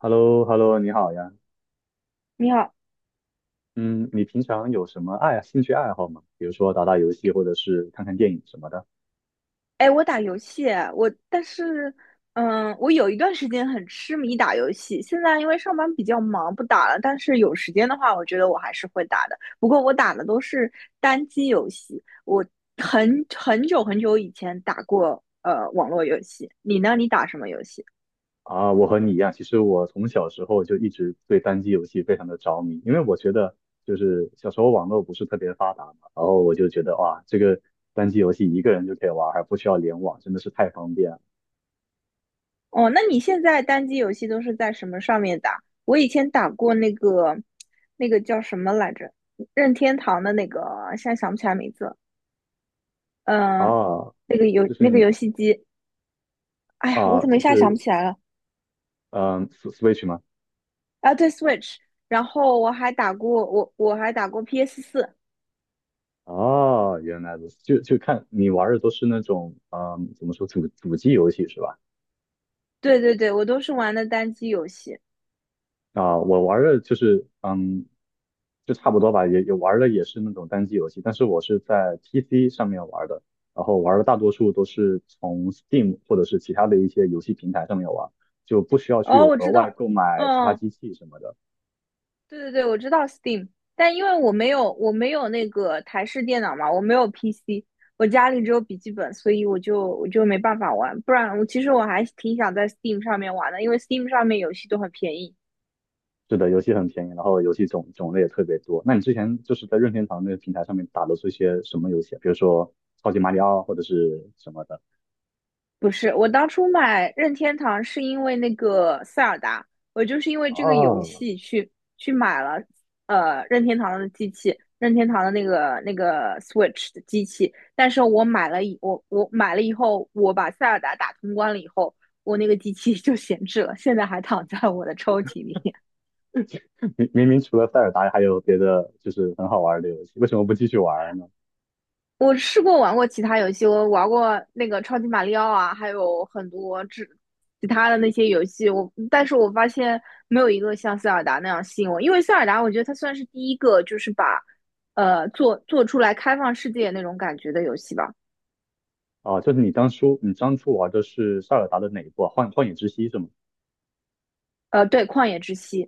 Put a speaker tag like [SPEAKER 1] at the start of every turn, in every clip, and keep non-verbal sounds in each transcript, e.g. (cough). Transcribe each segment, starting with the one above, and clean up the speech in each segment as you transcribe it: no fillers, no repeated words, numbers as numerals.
[SPEAKER 1] h e l l o h e l l o 你好呀。
[SPEAKER 2] 你好。
[SPEAKER 1] 嗯，你平常有什么兴趣爱好吗？比如说打打游戏，或者是看看电影什么的。
[SPEAKER 2] 哎，我打游戏，我但是，我有一段时间很痴迷打游戏，现在因为上班比较忙，不打了。但是有时间的话，我觉得我还是会打的。不过我打的都是单机游戏，我很久很久以前打过网络游戏。你呢？你打什么游戏？
[SPEAKER 1] 啊，我和你一样，其实我从小时候就一直对单机游戏非常的着迷，因为我觉得就是小时候网络不是特别发达嘛，然后我就觉得哇，这个单机游戏一个人就可以玩，还不需要联网，真的是太方便了
[SPEAKER 2] 哦，那你现在单机游戏都是在什么上面打？我以前打过那个叫什么来着，任天堂的那个，现在想不起来名字了。嗯、呃
[SPEAKER 1] 啊！就
[SPEAKER 2] 那个
[SPEAKER 1] 是
[SPEAKER 2] 游戏机，哎呀，我
[SPEAKER 1] 啊，
[SPEAKER 2] 怎么一
[SPEAKER 1] 就
[SPEAKER 2] 下想不
[SPEAKER 1] 是
[SPEAKER 2] 起来了？
[SPEAKER 1] 嗯 s w i t c h 吗？
[SPEAKER 2] 啊，对，Switch,然后我还打过 PS4，
[SPEAKER 1] 哦，原来如此，就看你玩的都是那种怎么说主机游戏是吧？
[SPEAKER 2] 对对对，我都是玩的单机游戏。
[SPEAKER 1] 啊、我玩的就是，就差不多吧，也玩的也是那种单机游戏，但是我是在 PC 上面玩的，然后玩的大多数都是从 Steam 或者是其他的一些游戏平台上面玩，就不需要去
[SPEAKER 2] 哦，我
[SPEAKER 1] 额
[SPEAKER 2] 知
[SPEAKER 1] 外
[SPEAKER 2] 道。
[SPEAKER 1] 购买其他
[SPEAKER 2] 嗯，
[SPEAKER 1] 机器什么的。
[SPEAKER 2] 对对对，我知道 Steam,但因为我没有那个台式电脑嘛，我没有 PC,我家里只有笔记本，所以我就没办法玩。不然我其实我还挺想在 Steam 上面玩的，因为 Steam 上面游戏都很便宜。
[SPEAKER 1] 是的，游戏很便宜，然后游戏种类也特别多。那你之前就是在任天堂那个平台上面打的是一些什么游戏啊，比如说超级马里奥或者是什么的？
[SPEAKER 2] 不是，我当初买任天堂是因为那个塞尔达，我就是因为这个游
[SPEAKER 1] 哦，
[SPEAKER 2] 戏去买了任天堂的机器，任天堂的那个 Switch 的机器。但是我买了以后，我把塞尔达打通关了以后，我那个机器 (laughs) 就闲置了，现在还躺在我的抽屉里。
[SPEAKER 1] 明除了塞尔达，还有别的就是很好玩的游戏，为什么不继续玩呢？
[SPEAKER 2] 我试过玩过其他游戏，我玩过那个超级马里奥啊，还有很多其他的那些游戏。我，但是我发现没有一个像塞尔达那样吸引我，因为塞尔达我觉得它算是第一个就是把做出来开放世界那种感觉的游戏吧。
[SPEAKER 1] 啊，就是你当初玩的是塞尔达的哪一部啊？幻影之息是吗？
[SPEAKER 2] 对，《旷野之息》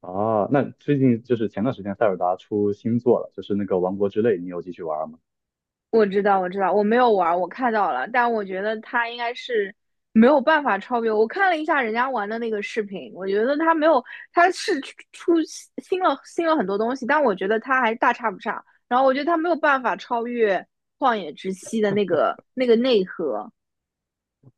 [SPEAKER 1] 啊，那最近就是前段时间塞尔达出新作了，就是那个王国之泪，你有继续玩吗？
[SPEAKER 2] 我知道，我知道，我没有玩儿，我看到了，但我觉得他应该是没有办法超越我。我看了一下人家玩的那个视频，我觉得他没有，他是出新了很多东西，但我觉得他还大差不差。然后我觉得他没有办法超越《旷野之息》的那个内核。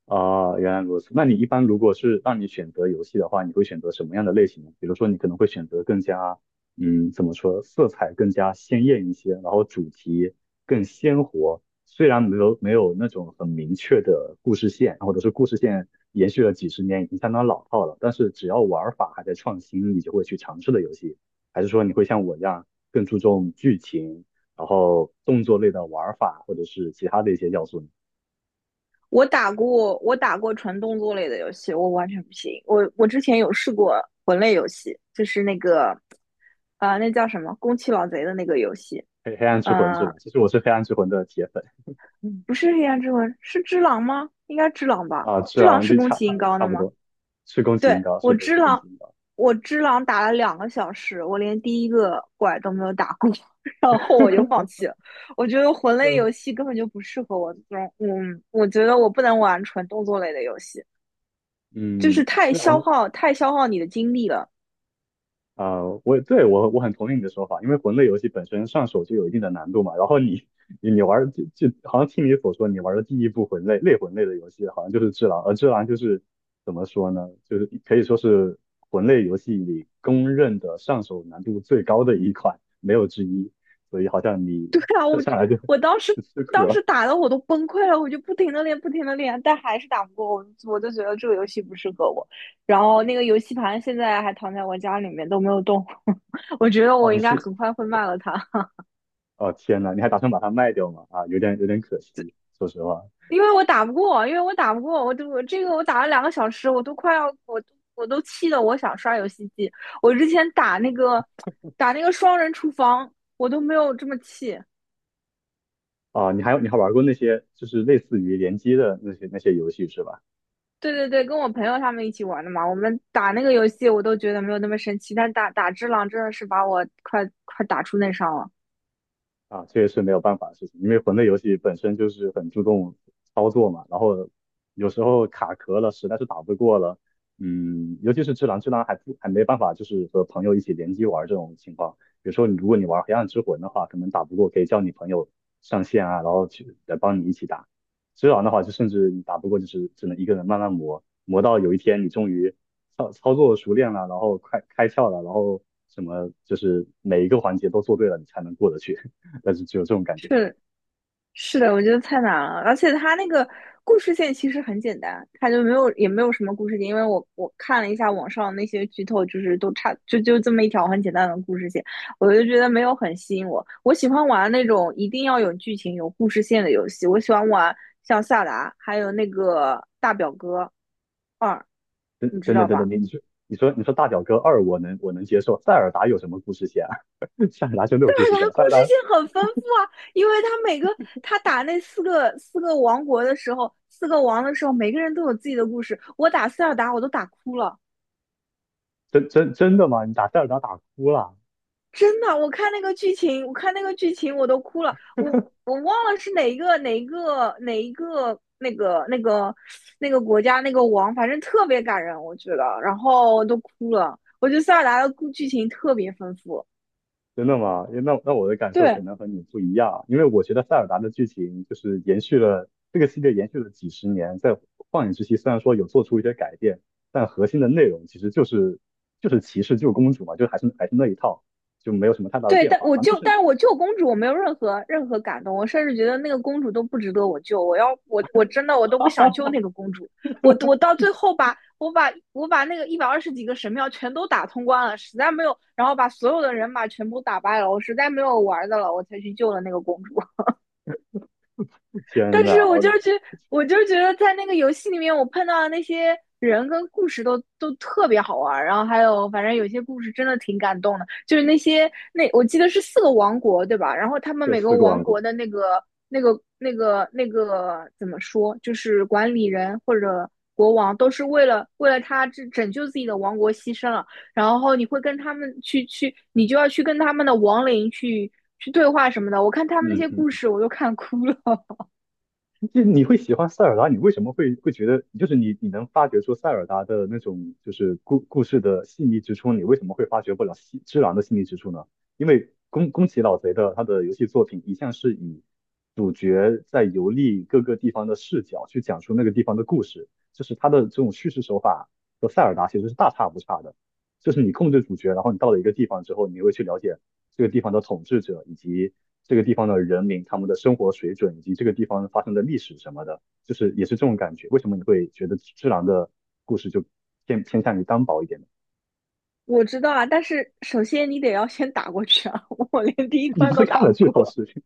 [SPEAKER 1] 啊，原来如此。那你一般如果是让你选择游戏的话，你会选择什么样的类型呢？比如说，你可能会选择更加，怎么说，色彩更加鲜艳一些，然后主题更鲜活。虽然没有那种很明确的故事线，或者是故事线延续了几十年，已经相当老套了，但是只要玩法还在创新，你就会去尝试的游戏。还是说你会像我一样更注重剧情，然后动作类的玩法，或者是其他的一些要素呢？
[SPEAKER 2] 我打过纯动作类的游戏，我完全不行。我之前有试过魂类游戏，就是那个，那叫什么《宫崎老贼》的那个游戏，
[SPEAKER 1] 黑暗之魂是吧？
[SPEAKER 2] 呃，
[SPEAKER 1] 其实我是黑暗之魂的铁粉。
[SPEAKER 2] 不是黑暗之魂，是只狼吗？应该只狼吧？
[SPEAKER 1] 啊，是
[SPEAKER 2] 只狼
[SPEAKER 1] 啊，
[SPEAKER 2] 是
[SPEAKER 1] 就
[SPEAKER 2] 宫
[SPEAKER 1] 差
[SPEAKER 2] 崎
[SPEAKER 1] 差
[SPEAKER 2] 英高
[SPEAKER 1] 差
[SPEAKER 2] 的
[SPEAKER 1] 不
[SPEAKER 2] 吗？
[SPEAKER 1] 多，是宫崎英
[SPEAKER 2] 对，
[SPEAKER 1] 高，是对，是宫崎英高。
[SPEAKER 2] 我只狼打了两个小时，我连第一个怪都没有打过，(laughs) 然后我就放弃了。我觉得魂类
[SPEAKER 1] 嗯
[SPEAKER 2] 游戏根本就不适合我这种。嗯，我觉得我不能玩纯动作类的游戏，就是
[SPEAKER 1] 嗯，
[SPEAKER 2] 太
[SPEAKER 1] 虽
[SPEAKER 2] 消
[SPEAKER 1] 然
[SPEAKER 2] 耗太消耗你的精力了。
[SPEAKER 1] 啊、呃我对我我很同意你的说法，因为魂类游戏本身上手就有一定的难度嘛。然后你 (laughs) 你玩儿就好像听你所说，你玩的第一部魂类的游戏好像就是《只狼》，而《只狼》就是怎么说呢？就是可以说是魂类游戏里公认的上手难度最高的一款，没有之一。所以好像你
[SPEAKER 2] 对啊，我
[SPEAKER 1] 上来就
[SPEAKER 2] 我当时
[SPEAKER 1] (laughs) 就吃苦
[SPEAKER 2] 当时
[SPEAKER 1] 了。
[SPEAKER 2] 打的我都崩溃了，我就不停的练，不停的练，但还是打不过我，我就觉得这个游戏不适合我。然后那个游戏盘现在还躺在我家里面都没有动，(laughs) 我觉得
[SPEAKER 1] 哦
[SPEAKER 2] 我应该很快会卖了它，
[SPEAKER 1] 哦，天呐，你还打算把它卖掉吗？啊，有点可惜，说实话。
[SPEAKER 2] (laughs) 因为我打不过，因为我打不过，我都我这个我打了两个小时，我都气得我想刷游戏机。我之前打那个双人厨房，我都没有这么气。
[SPEAKER 1] 啊，你还玩过那些就是类似于联机的那些游戏是吧？
[SPEAKER 2] 对对对，跟我朋友他们一起玩的嘛，我们打那个游戏我都觉得没有那么神奇，但打打只狼真的是把我快打出内伤了。
[SPEAKER 1] 啊，这个是没有办法的事情，因为魂类游戏本身就是很注重操作嘛，然后有时候卡壳了，实在是打不过了，尤其是只狼，只狼还没办法，就是和朋友一起联机玩这种情况。比如说如果你玩黑暗之魂的话，可能打不过可以叫你朋友上线啊，然后去来帮你一起打。只狼的话，就甚至你打不过，就是只能一个人慢慢磨，磨到有一天你终于操作熟练了，然后快开窍了，然后什么就是每一个环节都做对了，你才能过得去。但是只有这种感觉。
[SPEAKER 2] 是，是的，我觉得太难了，而且它那个故事线其实很简单，它就没有也没有什么故事线，因为我看了一下网上那些剧透，就是都差就就这么一条很简单的故事线，我就觉得没有很吸引我。我喜欢玩那种一定要有剧情、有故事线的游戏，我喜欢玩像《萨达》还有那个《大表哥二》，
[SPEAKER 1] 等
[SPEAKER 2] 你知
[SPEAKER 1] 等等
[SPEAKER 2] 道
[SPEAKER 1] 等等，
[SPEAKER 2] 吧？
[SPEAKER 1] 你说大表哥二我能接受，塞尔达有什么故事线啊？(laughs) 塞尔达真的有
[SPEAKER 2] 塞
[SPEAKER 1] 故
[SPEAKER 2] 尔
[SPEAKER 1] 事线
[SPEAKER 2] 达
[SPEAKER 1] 吗？
[SPEAKER 2] 故
[SPEAKER 1] 塞尔
[SPEAKER 2] 事
[SPEAKER 1] 达
[SPEAKER 2] 性很丰富啊，因为他打那四个王国的时候，四个王的时候，每个人都有自己的故事。我打塞尔达，我都打哭了，
[SPEAKER 1] 真的吗？你打塞尔达打哭了，
[SPEAKER 2] 真的。我看那个剧情，我看那个剧情，我都哭了。我忘了是哪一个那个国家那个王，反正特别感人，我觉得，然后都哭了。我觉得塞尔达的故剧情特别丰富，
[SPEAKER 1] 真的吗？那我的感受可
[SPEAKER 2] 对，
[SPEAKER 1] 能和你不一样啊，因为我觉得塞尔达的剧情就是延续了这个系列延续了几十年，在旷野之息虽然说有做出一些改变，但核心的内容其实就是骑士救公主嘛，就还是那一套，就没有什么太大的
[SPEAKER 2] 对，
[SPEAKER 1] 变化，反倒是
[SPEAKER 2] 但是我救公主，我没有任何感动，我甚至觉得那个公主都不值得我救。我要我我真的我都不想救那个公主。我到最后把那个120几个神庙全都打通关了，实在没有，然后把所有的人马全部打败了，我实在没有玩的了，我才去救了那个公主。
[SPEAKER 1] 天
[SPEAKER 2] 但
[SPEAKER 1] 呐，
[SPEAKER 2] 是我就是觉得我就是觉得在那个游戏里面，我碰到的那些人跟故事都特别好玩，然后还有反正有些故事真的挺感动的，就是那我记得是四个王国对吧？然后他们
[SPEAKER 1] 对
[SPEAKER 2] 每个
[SPEAKER 1] 四个王
[SPEAKER 2] 王国
[SPEAKER 1] 国。
[SPEAKER 2] 的那个怎么说，就是管理人或者国王都是为了拯救自己的王国牺牲了，然后你会跟他们你就要去跟他们的亡灵去对话什么的。我看他们那些
[SPEAKER 1] 嗯。
[SPEAKER 2] 故事，我都看哭了。(laughs)
[SPEAKER 1] 就你会喜欢塞尔达，你为什么会觉得，就是你能发掘出塞尔达的那种就是故事的细腻之处，你为什么会发掘不了西之狼的细腻之处呢？因为宫崎老贼的他的游戏作品一向是以主角在游历各个地方的视角去讲述那个地方的故事，就是他的这种叙事手法和塞尔达其实是大差不差的。就是你控制主角，然后你到了一个地方之后，你会去了解这个地方的统治者以及这个地方的人民他们的生活水准以及这个地方发生的历史什么的，就是也是这种感觉。为什么你会觉得智狼的故事就偏向于单薄一点呢？
[SPEAKER 2] 我知道啊，但是首先你得要先打过去啊！(laughs) 我连第一
[SPEAKER 1] (laughs) 你不
[SPEAKER 2] 关
[SPEAKER 1] 是
[SPEAKER 2] 都
[SPEAKER 1] 看
[SPEAKER 2] 打
[SPEAKER 1] 了
[SPEAKER 2] 不
[SPEAKER 1] 剧透
[SPEAKER 2] 过。
[SPEAKER 1] 视频？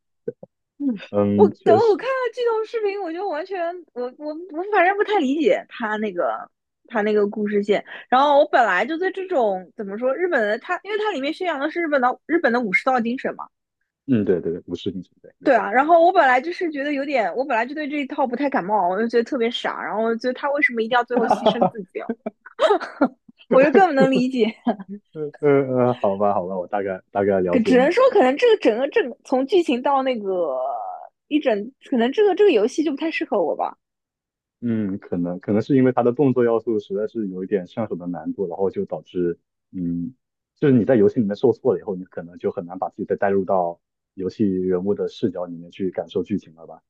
[SPEAKER 1] 嗯，
[SPEAKER 2] 等
[SPEAKER 1] 确
[SPEAKER 2] 我看
[SPEAKER 1] 实。
[SPEAKER 2] 了这种视频，我就完全我我我反正不太理解他那个故事线。然后我本来就对这种怎么说日本的他，因为它里面宣扬的是日本的武士道精神嘛，
[SPEAKER 1] 嗯，对对对，无视频存在，没
[SPEAKER 2] 对
[SPEAKER 1] 错。
[SPEAKER 2] 啊。然后我本来就是觉得有点，我本来就对这一套不太感冒，我就觉得特别傻。然后我觉得他为什么一定要最后牺牲自
[SPEAKER 1] (laughs)
[SPEAKER 2] 己啊？我就更不能理解。
[SPEAKER 1] 嗯嗯，好吧好吧，我大概了解
[SPEAKER 2] 只
[SPEAKER 1] 你
[SPEAKER 2] 能
[SPEAKER 1] 了。
[SPEAKER 2] 说可能这个整个这个从剧情到那个可能这个游戏就不太适合我吧。
[SPEAKER 1] 嗯，可能是因为它的动作要素实在是有一点上手的难度，然后就导致，嗯，就是你在游戏里面受挫了以后，你可能就很难把自己再带入到游戏人物的视角里面去感受剧情了吧？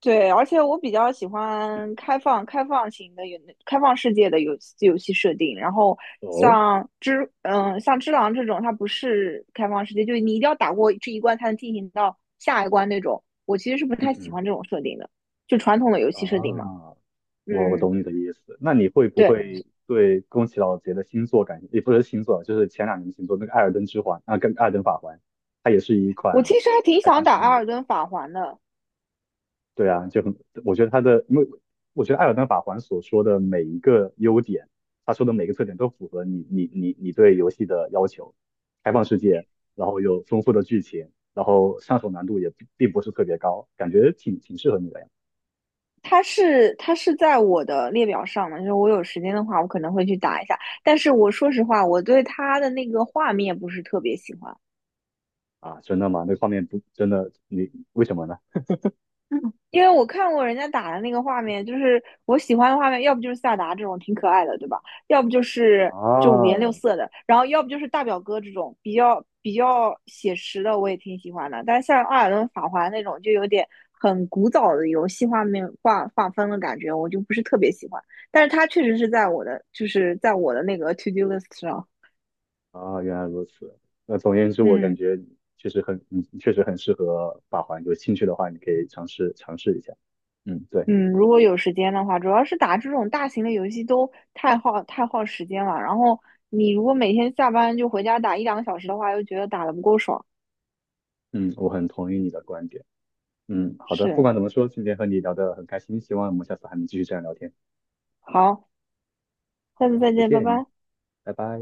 [SPEAKER 2] 对，而且我比较喜欢开放世界的游戏设定。然后
[SPEAKER 1] 哦，
[SPEAKER 2] 像只狼这种，它不是开放世界，就是你一定要打过这一关才能进行到下一关那种。我其实是不
[SPEAKER 1] 嗯
[SPEAKER 2] 太喜
[SPEAKER 1] 嗯，
[SPEAKER 2] 欢这种设定的，就传统的游戏设定嘛。
[SPEAKER 1] 啊，我
[SPEAKER 2] 嗯，
[SPEAKER 1] 懂你的意思。那你会不
[SPEAKER 2] 对，
[SPEAKER 1] 会对宫崎老杰的新作感，也不是新作，就是前两年的新作那个《艾尔登之环》啊，跟《艾尔登法环》，它也是一
[SPEAKER 2] 我
[SPEAKER 1] 款
[SPEAKER 2] 其实还挺
[SPEAKER 1] 开放
[SPEAKER 2] 想
[SPEAKER 1] 式
[SPEAKER 2] 打
[SPEAKER 1] 的。
[SPEAKER 2] 《艾尔登法环》的，
[SPEAKER 1] 对啊，就很，我觉得他的，因为我觉得艾尔登法环所说的每一个优点，他说的每个特点都符合你对游戏的要求，开放世界，然后有丰富的剧情，然后上手难度也并不是特别高，感觉挺适合你的呀。
[SPEAKER 2] 它是在我的列表上嘛，就是我有时间的话，我可能会去打一下。但是我说实话，我对它的那个画面不是特别喜欢，
[SPEAKER 1] 啊，真的吗？那个画面不真的，你为什么呢？嗯，
[SPEAKER 2] 因为我看过人家打的那个画面，就是我喜欢的画面，要不就是萨达这种挺可爱的，对吧？要不就是就五颜六
[SPEAKER 1] 啊
[SPEAKER 2] 色的，然后要不就是大表哥这种比较写实的，我也挺喜欢的。但是像《阿尔顿法环》那种，就有点很古早的游戏画面画画风的感觉，我就不是特别喜欢。但是它确实是在我的，就是在我的那个 to do list 上。
[SPEAKER 1] 啊，原来如此。那总而言之，我感
[SPEAKER 2] 嗯，
[SPEAKER 1] 觉确实很，你确实很适合法环。有兴趣的话，你可以尝试尝试一下。嗯，对。
[SPEAKER 2] 嗯，如果有时间的话，主要是打这种大型的游戏都太耗时间了。然后你如果每天下班就回家打一两个小时的话，又觉得打得不够爽。
[SPEAKER 1] 嗯，我很同意你的观点。嗯，好的，不
[SPEAKER 2] 是，
[SPEAKER 1] 管怎么说，今天和你聊得很开心，希望我们下次还能继续这样聊天。
[SPEAKER 2] 好，
[SPEAKER 1] 好
[SPEAKER 2] 下次
[SPEAKER 1] 的，
[SPEAKER 2] 再
[SPEAKER 1] 再
[SPEAKER 2] 见，拜
[SPEAKER 1] 见，
[SPEAKER 2] 拜。
[SPEAKER 1] 拜拜。